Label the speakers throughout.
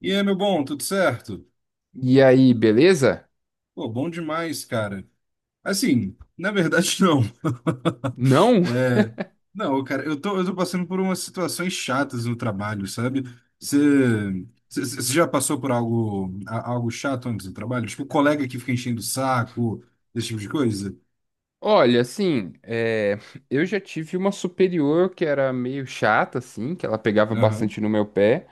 Speaker 1: E aí, meu bom, tudo certo?
Speaker 2: E aí, beleza?
Speaker 1: Pô, bom demais, cara. Assim, na verdade, não.
Speaker 2: Não?
Speaker 1: É, não, cara, eu tô passando por umas situações chatas no trabalho, sabe? Você já passou por algo, algo chato antes do trabalho? Tipo, colega que fica enchendo o saco, esse tipo de coisa?
Speaker 2: Olha, assim, eu já tive uma superior que era meio chata, assim, que ela pegava
Speaker 1: Aham.
Speaker 2: bastante no meu pé.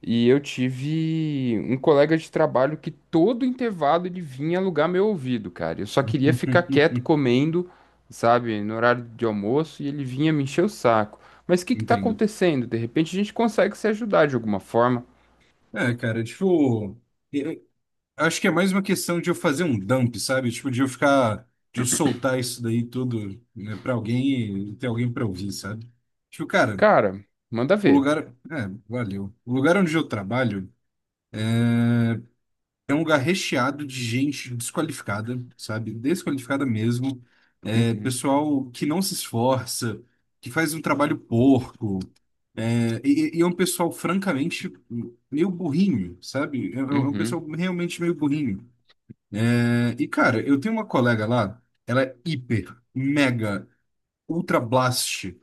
Speaker 2: E eu tive um colega de trabalho que todo intervalo ele vinha alugar meu ouvido, cara. Eu só queria ficar quieto comendo, sabe, no horário de almoço, e ele vinha me encher o saco. Mas o que que tá
Speaker 1: Entendo.
Speaker 2: acontecendo? De repente a gente consegue se ajudar de alguma forma.
Speaker 1: É, cara, tipo. Acho que é mais uma questão de eu fazer um dump, sabe? Tipo, de eu soltar isso daí tudo, né, pra alguém e ter alguém pra ouvir, sabe? Tipo, cara,
Speaker 2: Cara, manda
Speaker 1: o
Speaker 2: ver.
Speaker 1: lugar. É, valeu. O lugar onde eu trabalho é um lugar recheado de gente desqualificada, sabe? Desqualificada mesmo. É,
Speaker 2: Uhum,
Speaker 1: pessoal que não se esforça, que faz um trabalho porco. É, e é um pessoal, francamente, meio burrinho, sabe? É um
Speaker 2: uhum,
Speaker 1: pessoal realmente meio burrinho. É, e, cara, eu tenho uma colega lá, ela é hiper, mega, ultra blast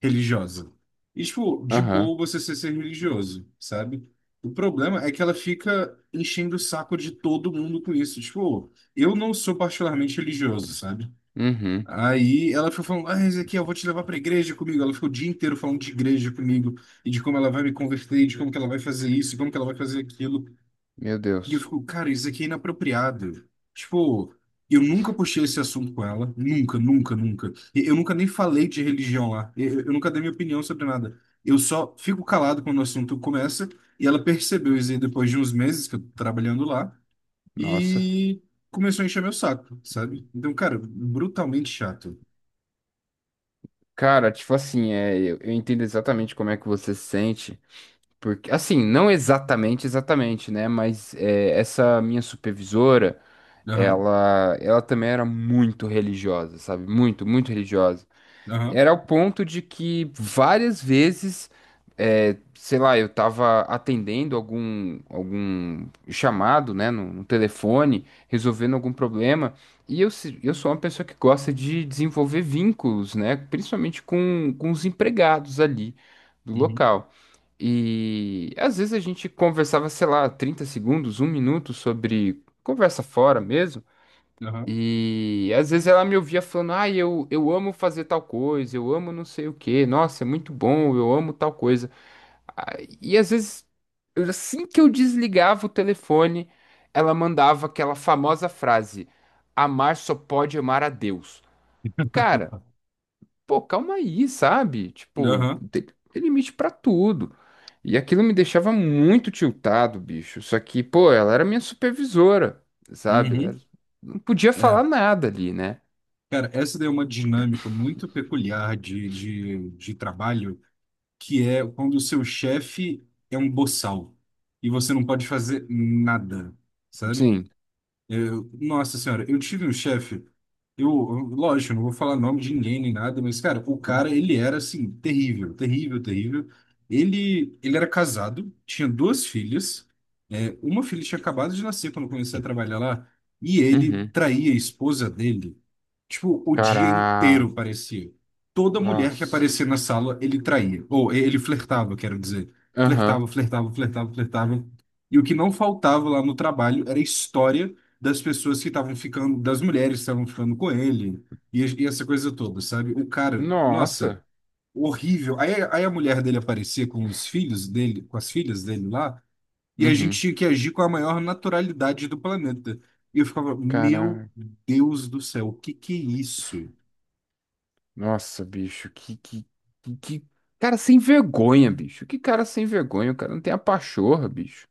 Speaker 1: religiosa. E, tipo, de
Speaker 2: aham,
Speaker 1: boa você ser religioso, sabe? O problema é que ela fica enchendo o saco de todo mundo com isso. Tipo, eu não sou particularmente religioso, sabe?
Speaker 2: uhum,
Speaker 1: Aí ela ficou falando, ah, Ezequiel, eu vou te levar pra igreja comigo. Ela ficou o dia inteiro falando de igreja comigo e de como ela vai me converter, e de como que ela vai fazer isso, e como que ela vai fazer aquilo.
Speaker 2: meu
Speaker 1: E eu
Speaker 2: Deus.
Speaker 1: fico, cara, isso aqui é inapropriado. Tipo, eu nunca puxei esse assunto com ela. Nunca, nunca, nunca. E eu nunca nem falei de religião lá. Eu nunca dei minha opinião sobre nada. Eu só fico calado quando o assunto começa. E ela percebeu isso aí depois de uns meses que eu tô trabalhando lá.
Speaker 2: Nossa.
Speaker 1: E começou a encher meu saco, sabe? Então, cara, brutalmente chato.
Speaker 2: Cara, tipo assim, eu entendo exatamente como é que você se sente, porque, assim, não exatamente, exatamente, né? Mas essa minha supervisora,
Speaker 1: Aham,
Speaker 2: ela também era muito religiosa, sabe? Muito, muito religiosa.
Speaker 1: aham,
Speaker 2: Era o ponto de que várias vezes, sei lá, eu tava atendendo algum chamado, né, no telefone, resolvendo algum problema, e eu, se- eu sou uma pessoa que gosta de desenvolver vínculos, né, principalmente com os empregados ali do
Speaker 1: uhum,
Speaker 2: local. E às vezes a gente conversava, sei lá, 30 segundos, um minuto sobre conversa fora mesmo.
Speaker 1: aham,
Speaker 2: E às vezes ela me ouvia falando, ah, eu amo fazer tal coisa, eu amo não sei o quê, nossa, é muito bom, eu amo tal coisa. E às vezes, assim que eu desligava o telefone, ela mandava aquela famosa frase: amar só pode amar a Deus. Cara, pô, calma aí, sabe? Tipo,
Speaker 1: aham,
Speaker 2: tem, tem limite pra tudo. E aquilo me deixava muito tiltado, bicho. Só que, pô, ela era minha supervisora, sabe?
Speaker 1: uhum.
Speaker 2: Não podia
Speaker 1: É.
Speaker 2: falar nada ali, né?
Speaker 1: Cara, essa daí é uma dinâmica muito peculiar de trabalho que é quando o seu chefe é um boçal e você não pode fazer nada, sabe?
Speaker 2: Sim.
Speaker 1: Nossa senhora, eu tive um chefe, eu, lógico, eu não vou falar nome de ninguém nem nada, mas, cara, o cara, ele era, assim, terrível, terrível, terrível. Ele era casado, tinha duas filhas, é, uma filha tinha acabado de nascer quando eu comecei a trabalhar lá, e ele
Speaker 2: Uhum.
Speaker 1: traía a esposa dele, tipo, o dia
Speaker 2: Caraca.
Speaker 1: inteiro, parecia. Toda mulher que
Speaker 2: Nossa.
Speaker 1: aparecia na sala, ele traía, ou ele flertava, quero dizer.
Speaker 2: Aham.
Speaker 1: Flertava, flertava, flertava, flertava. E o que não faltava lá no trabalho era história das pessoas que estavam ficando, das mulheres que estavam ficando com ele, e essa coisa toda, sabe? O cara, nossa,
Speaker 2: Nossa.
Speaker 1: horrível. Aí a mulher dele aparecia com os filhos dele, com as filhas dele lá, e a gente
Speaker 2: Uhum.
Speaker 1: tinha que agir com a maior naturalidade do planeta. E eu ficava, meu
Speaker 2: Caraca.
Speaker 1: Deus do céu, o que que é isso?
Speaker 2: Nossa, bicho. Que cara sem vergonha, bicho. Que cara sem vergonha. O cara não tem a pachorra, bicho.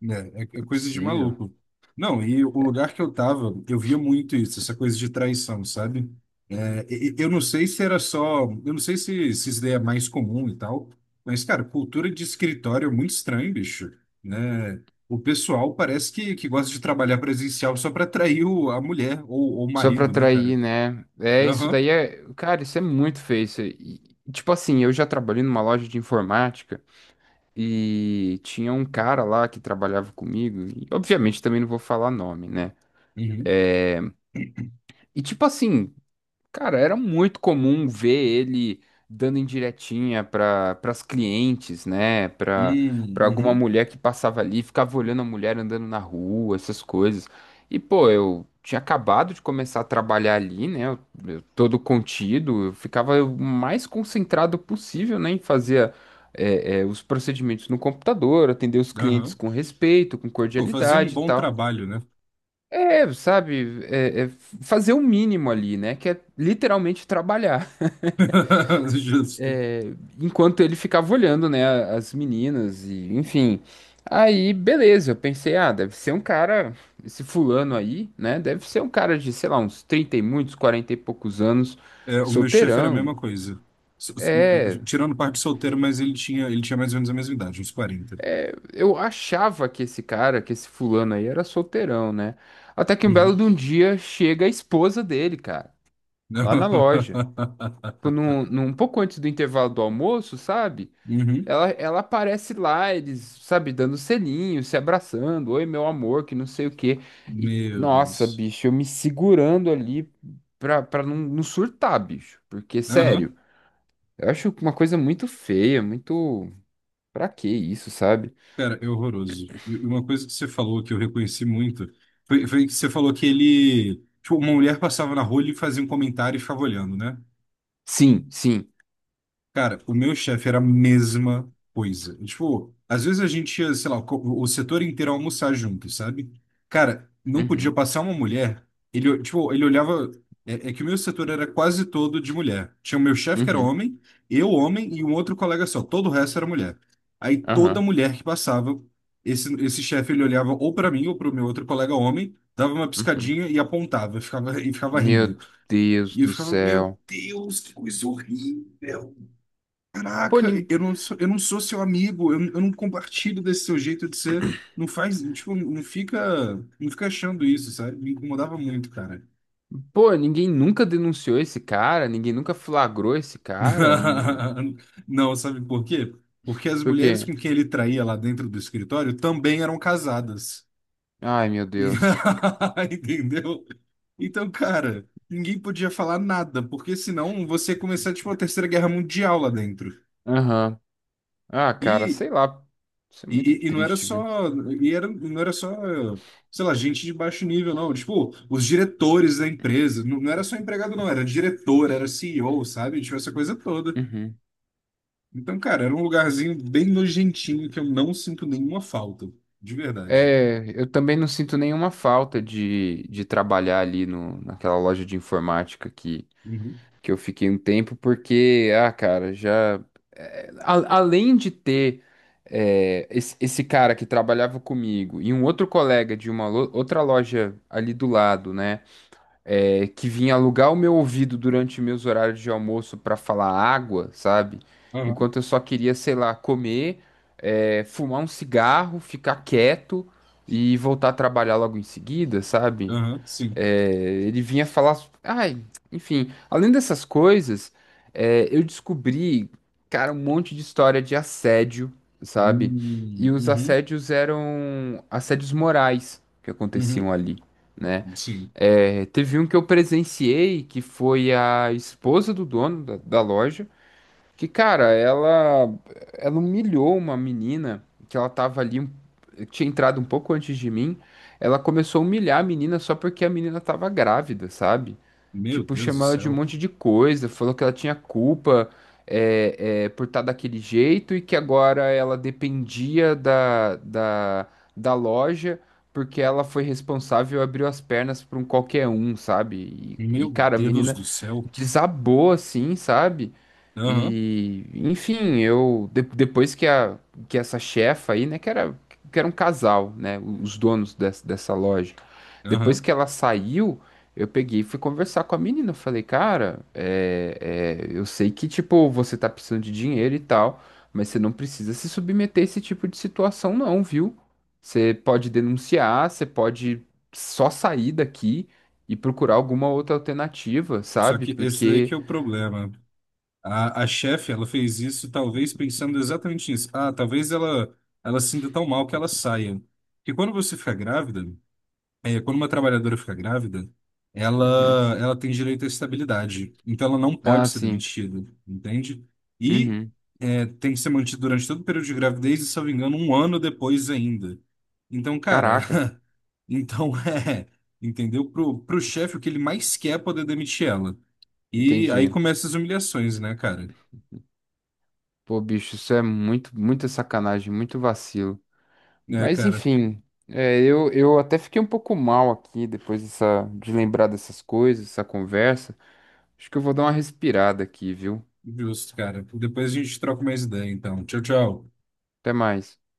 Speaker 1: Né? É, é
Speaker 2: Não é
Speaker 1: coisa de
Speaker 2: possível.
Speaker 1: maluco. Não, e o lugar que eu tava, eu via muito isso, essa coisa de traição, sabe? É, eu não sei se era só, eu não sei se isso daí é mais comum e tal, mas, cara, cultura de escritório é muito estranho, bicho, né? O pessoal parece que gosta de trabalhar presencial só pra atrair o, a mulher ou o
Speaker 2: Só pra
Speaker 1: marido, né, cara?
Speaker 2: atrair, né? É, isso
Speaker 1: Aham,
Speaker 2: daí é. Cara, isso é muito feio. Isso aí. Tipo assim, eu já trabalhei numa loja de informática e tinha um cara lá que trabalhava comigo. E, obviamente, também não vou falar nome, né?
Speaker 1: uhum,
Speaker 2: E tipo assim. Cara, era muito comum ver ele dando indiretinha para as clientes, né? Para
Speaker 1: uhum,
Speaker 2: para alguma
Speaker 1: uhum,
Speaker 2: mulher que passava ali, ficava olhando a mulher andando na rua, essas coisas. E, pô, eu tinha acabado de começar a trabalhar ali, né? Eu todo contido, eu ficava o mais concentrado possível, né? Em fazer os procedimentos no computador, atender os clientes
Speaker 1: aham.
Speaker 2: com respeito, com
Speaker 1: Pô, fazer um
Speaker 2: cordialidade e
Speaker 1: bom
Speaker 2: tal.
Speaker 1: trabalho, né?
Speaker 2: É, sabe, é fazer o mínimo ali, né? Que é literalmente trabalhar.
Speaker 1: Justo.
Speaker 2: Enquanto ele ficava olhando, né, as meninas e, enfim. Aí, beleza, eu pensei, ah, deve ser um cara, esse fulano aí, né? Deve ser um cara de, sei lá, uns 30 e muitos, 40 e poucos anos,
Speaker 1: É, o meu chefe era a
Speaker 2: solteirão.
Speaker 1: mesma coisa.
Speaker 2: É,
Speaker 1: Tirando parte de solteiro, mas ele tinha mais ou menos a mesma idade, uns 40.
Speaker 2: eu achava que esse cara, que esse fulano aí era solteirão, né? Até que um belo
Speaker 1: Uhum.
Speaker 2: de um dia chega a esposa dele, cara, lá na loja. Tipo, num um pouco antes do intervalo do almoço, sabe?
Speaker 1: Uhum.
Speaker 2: Ela aparece lá, eles, sabe, dando selinho, se abraçando, oi, meu amor, que não sei o quê. E,
Speaker 1: Meu
Speaker 2: nossa,
Speaker 1: Deus.
Speaker 2: bicho, eu me segurando ali pra não surtar, bicho. Porque,
Speaker 1: Aham.
Speaker 2: sério, eu acho uma coisa muito feia, muito. Pra que isso, sabe?
Speaker 1: Cara, é horroroso. E uma coisa que você falou que eu reconheci muito foi que você falou que ele. Tipo, uma mulher passava na rua, ele fazia um comentário e ficava olhando, né?
Speaker 2: Sim, sim.
Speaker 1: Cara, o meu chefe era a mesma coisa. Tipo, às vezes a gente ia, sei lá, o setor inteiro almoçar junto, sabe? Cara, não podia
Speaker 2: Uhum,
Speaker 1: passar uma mulher. Ele, tipo, ele olhava. É, é que o meu setor era quase todo de mulher. Tinha o meu chefe que era
Speaker 2: uhum,
Speaker 1: homem, eu homem e um outro colega só. Todo o resto era mulher. Aí toda
Speaker 2: aham,
Speaker 1: mulher que passava, esse chefe ele olhava ou pra mim ou pro meu outro colega homem, dava uma
Speaker 2: uhum.
Speaker 1: piscadinha e apontava, ficava, e ficava rindo.
Speaker 2: Meu Deus
Speaker 1: E eu
Speaker 2: do
Speaker 1: ficava, meu
Speaker 2: céu.
Speaker 1: Deus, que coisa horrível.
Speaker 2: Pô,
Speaker 1: Caraca,
Speaker 2: nin-
Speaker 1: eu não sou seu amigo, eu não compartilho desse seu jeito de ser. Não faz, tipo, não fica, não fica achando isso, sabe? Me incomodava muito, cara.
Speaker 2: Pô, ninguém nunca denunciou esse cara, ninguém nunca flagrou esse cara.
Speaker 1: Não, sabe por quê? Porque as
Speaker 2: Por
Speaker 1: mulheres
Speaker 2: quê?
Speaker 1: com quem ele traía lá dentro do escritório também eram casadas.
Speaker 2: Ai, meu
Speaker 1: E-
Speaker 2: Deus.
Speaker 1: Entendeu? Então, cara, ninguém podia falar nada, porque senão você ia começar, tipo, a Terceira Guerra Mundial lá dentro.
Speaker 2: Aham. Ah, cara,
Speaker 1: E,
Speaker 2: sei lá. Isso é muito
Speaker 1: e não era
Speaker 2: triste, viu?
Speaker 1: só, e era, não era só, sei lá, gente de baixo nível, não. Tipo, os diretores da empresa, não, não era só empregado, não, era diretor, era CEO, sabe? Tipo, essa coisa toda.
Speaker 2: Uhum.
Speaker 1: Então, cara, era um lugarzinho bem nojentinho que eu não sinto nenhuma falta, de verdade.
Speaker 2: É, eu também não sinto nenhuma falta de trabalhar ali no, naquela loja de informática
Speaker 1: Uhum.
Speaker 2: que eu fiquei um tempo, porque, ah, cara, já. Além de ter esse cara que trabalhava comigo e um outro colega de uma outra loja ali do lado, né? É, que vinha alugar o meu ouvido durante meus horários de almoço para falar água, sabe?
Speaker 1: Aham,
Speaker 2: Enquanto eu só queria, sei lá, comer, fumar um cigarro, ficar quieto e voltar a trabalhar logo em seguida, sabe?
Speaker 1: aham, sim.
Speaker 2: É, ele vinha falar. Enfim, além dessas coisas, eu descobri, cara, um monte de história de assédio, sabe? E os
Speaker 1: Uhum,
Speaker 2: assédios eram assédios morais que
Speaker 1: uhum,
Speaker 2: aconteciam ali, né?
Speaker 1: sim.
Speaker 2: É, teve um que eu presenciei que foi a esposa do dono da loja. Que, cara, ela humilhou uma menina que ela tava ali, tinha entrado um pouco antes de mim. Ela começou a humilhar a menina só porque a menina tava grávida, sabe?
Speaker 1: Meu
Speaker 2: Tipo,
Speaker 1: Deus do
Speaker 2: chamou ela de um
Speaker 1: céu.
Speaker 2: monte de coisa, falou que ela tinha culpa por estar daquele jeito e que agora ela dependia da loja porque ela foi responsável e abriu as pernas pra um qualquer um, sabe?
Speaker 1: Meu
Speaker 2: Cara, a
Speaker 1: Deus
Speaker 2: menina
Speaker 1: do céu.
Speaker 2: desabou assim, sabe?
Speaker 1: Aham,
Speaker 2: E, enfim, depois que a que essa chefa aí, né, que era um casal, né, os donos dessa, dessa loja. Depois
Speaker 1: aham.
Speaker 2: que ela saiu, eu peguei e fui conversar com a menina. Eu falei, cara, eu sei que, tipo, você tá precisando de dinheiro e tal, mas você não precisa se submeter a esse tipo de situação, não, viu? Você pode denunciar, você pode só sair daqui e procurar alguma outra alternativa,
Speaker 1: Só
Speaker 2: sabe?
Speaker 1: que esse daí que
Speaker 2: Porque.
Speaker 1: é o problema. A chefe, ela fez isso talvez pensando exatamente nisso. Ah, talvez ela se sinta tão mal que ela saia. Porque quando você fica grávida, é, quando uma trabalhadora fica grávida,
Speaker 2: Uhum.
Speaker 1: ela, ela tem direito à estabilidade. Então ela não pode
Speaker 2: Ah,
Speaker 1: ser
Speaker 2: sim.
Speaker 1: demitida, entende? E
Speaker 2: Uhum.
Speaker 1: é, tem que ser mantida durante todo o período de gravidez e, se eu não me engano, um ano depois ainda. Então, cara,
Speaker 2: Caraca,
Speaker 1: então é, entendeu? Pro chefe, o que ele mais quer é poder demitir ela. E aí
Speaker 2: entendi.
Speaker 1: começam as humilhações, né, cara?
Speaker 2: Pô, bicho, isso é muito, muita sacanagem, muito vacilo.
Speaker 1: É,
Speaker 2: Mas
Speaker 1: cara.
Speaker 2: enfim, eu até fiquei um pouco mal aqui depois dessa, de lembrar dessas coisas, essa conversa. Acho que eu vou dar uma respirada aqui, viu?
Speaker 1: Justo, cara. Depois a gente troca mais ideia, então. Tchau, tchau.
Speaker 2: Até mais.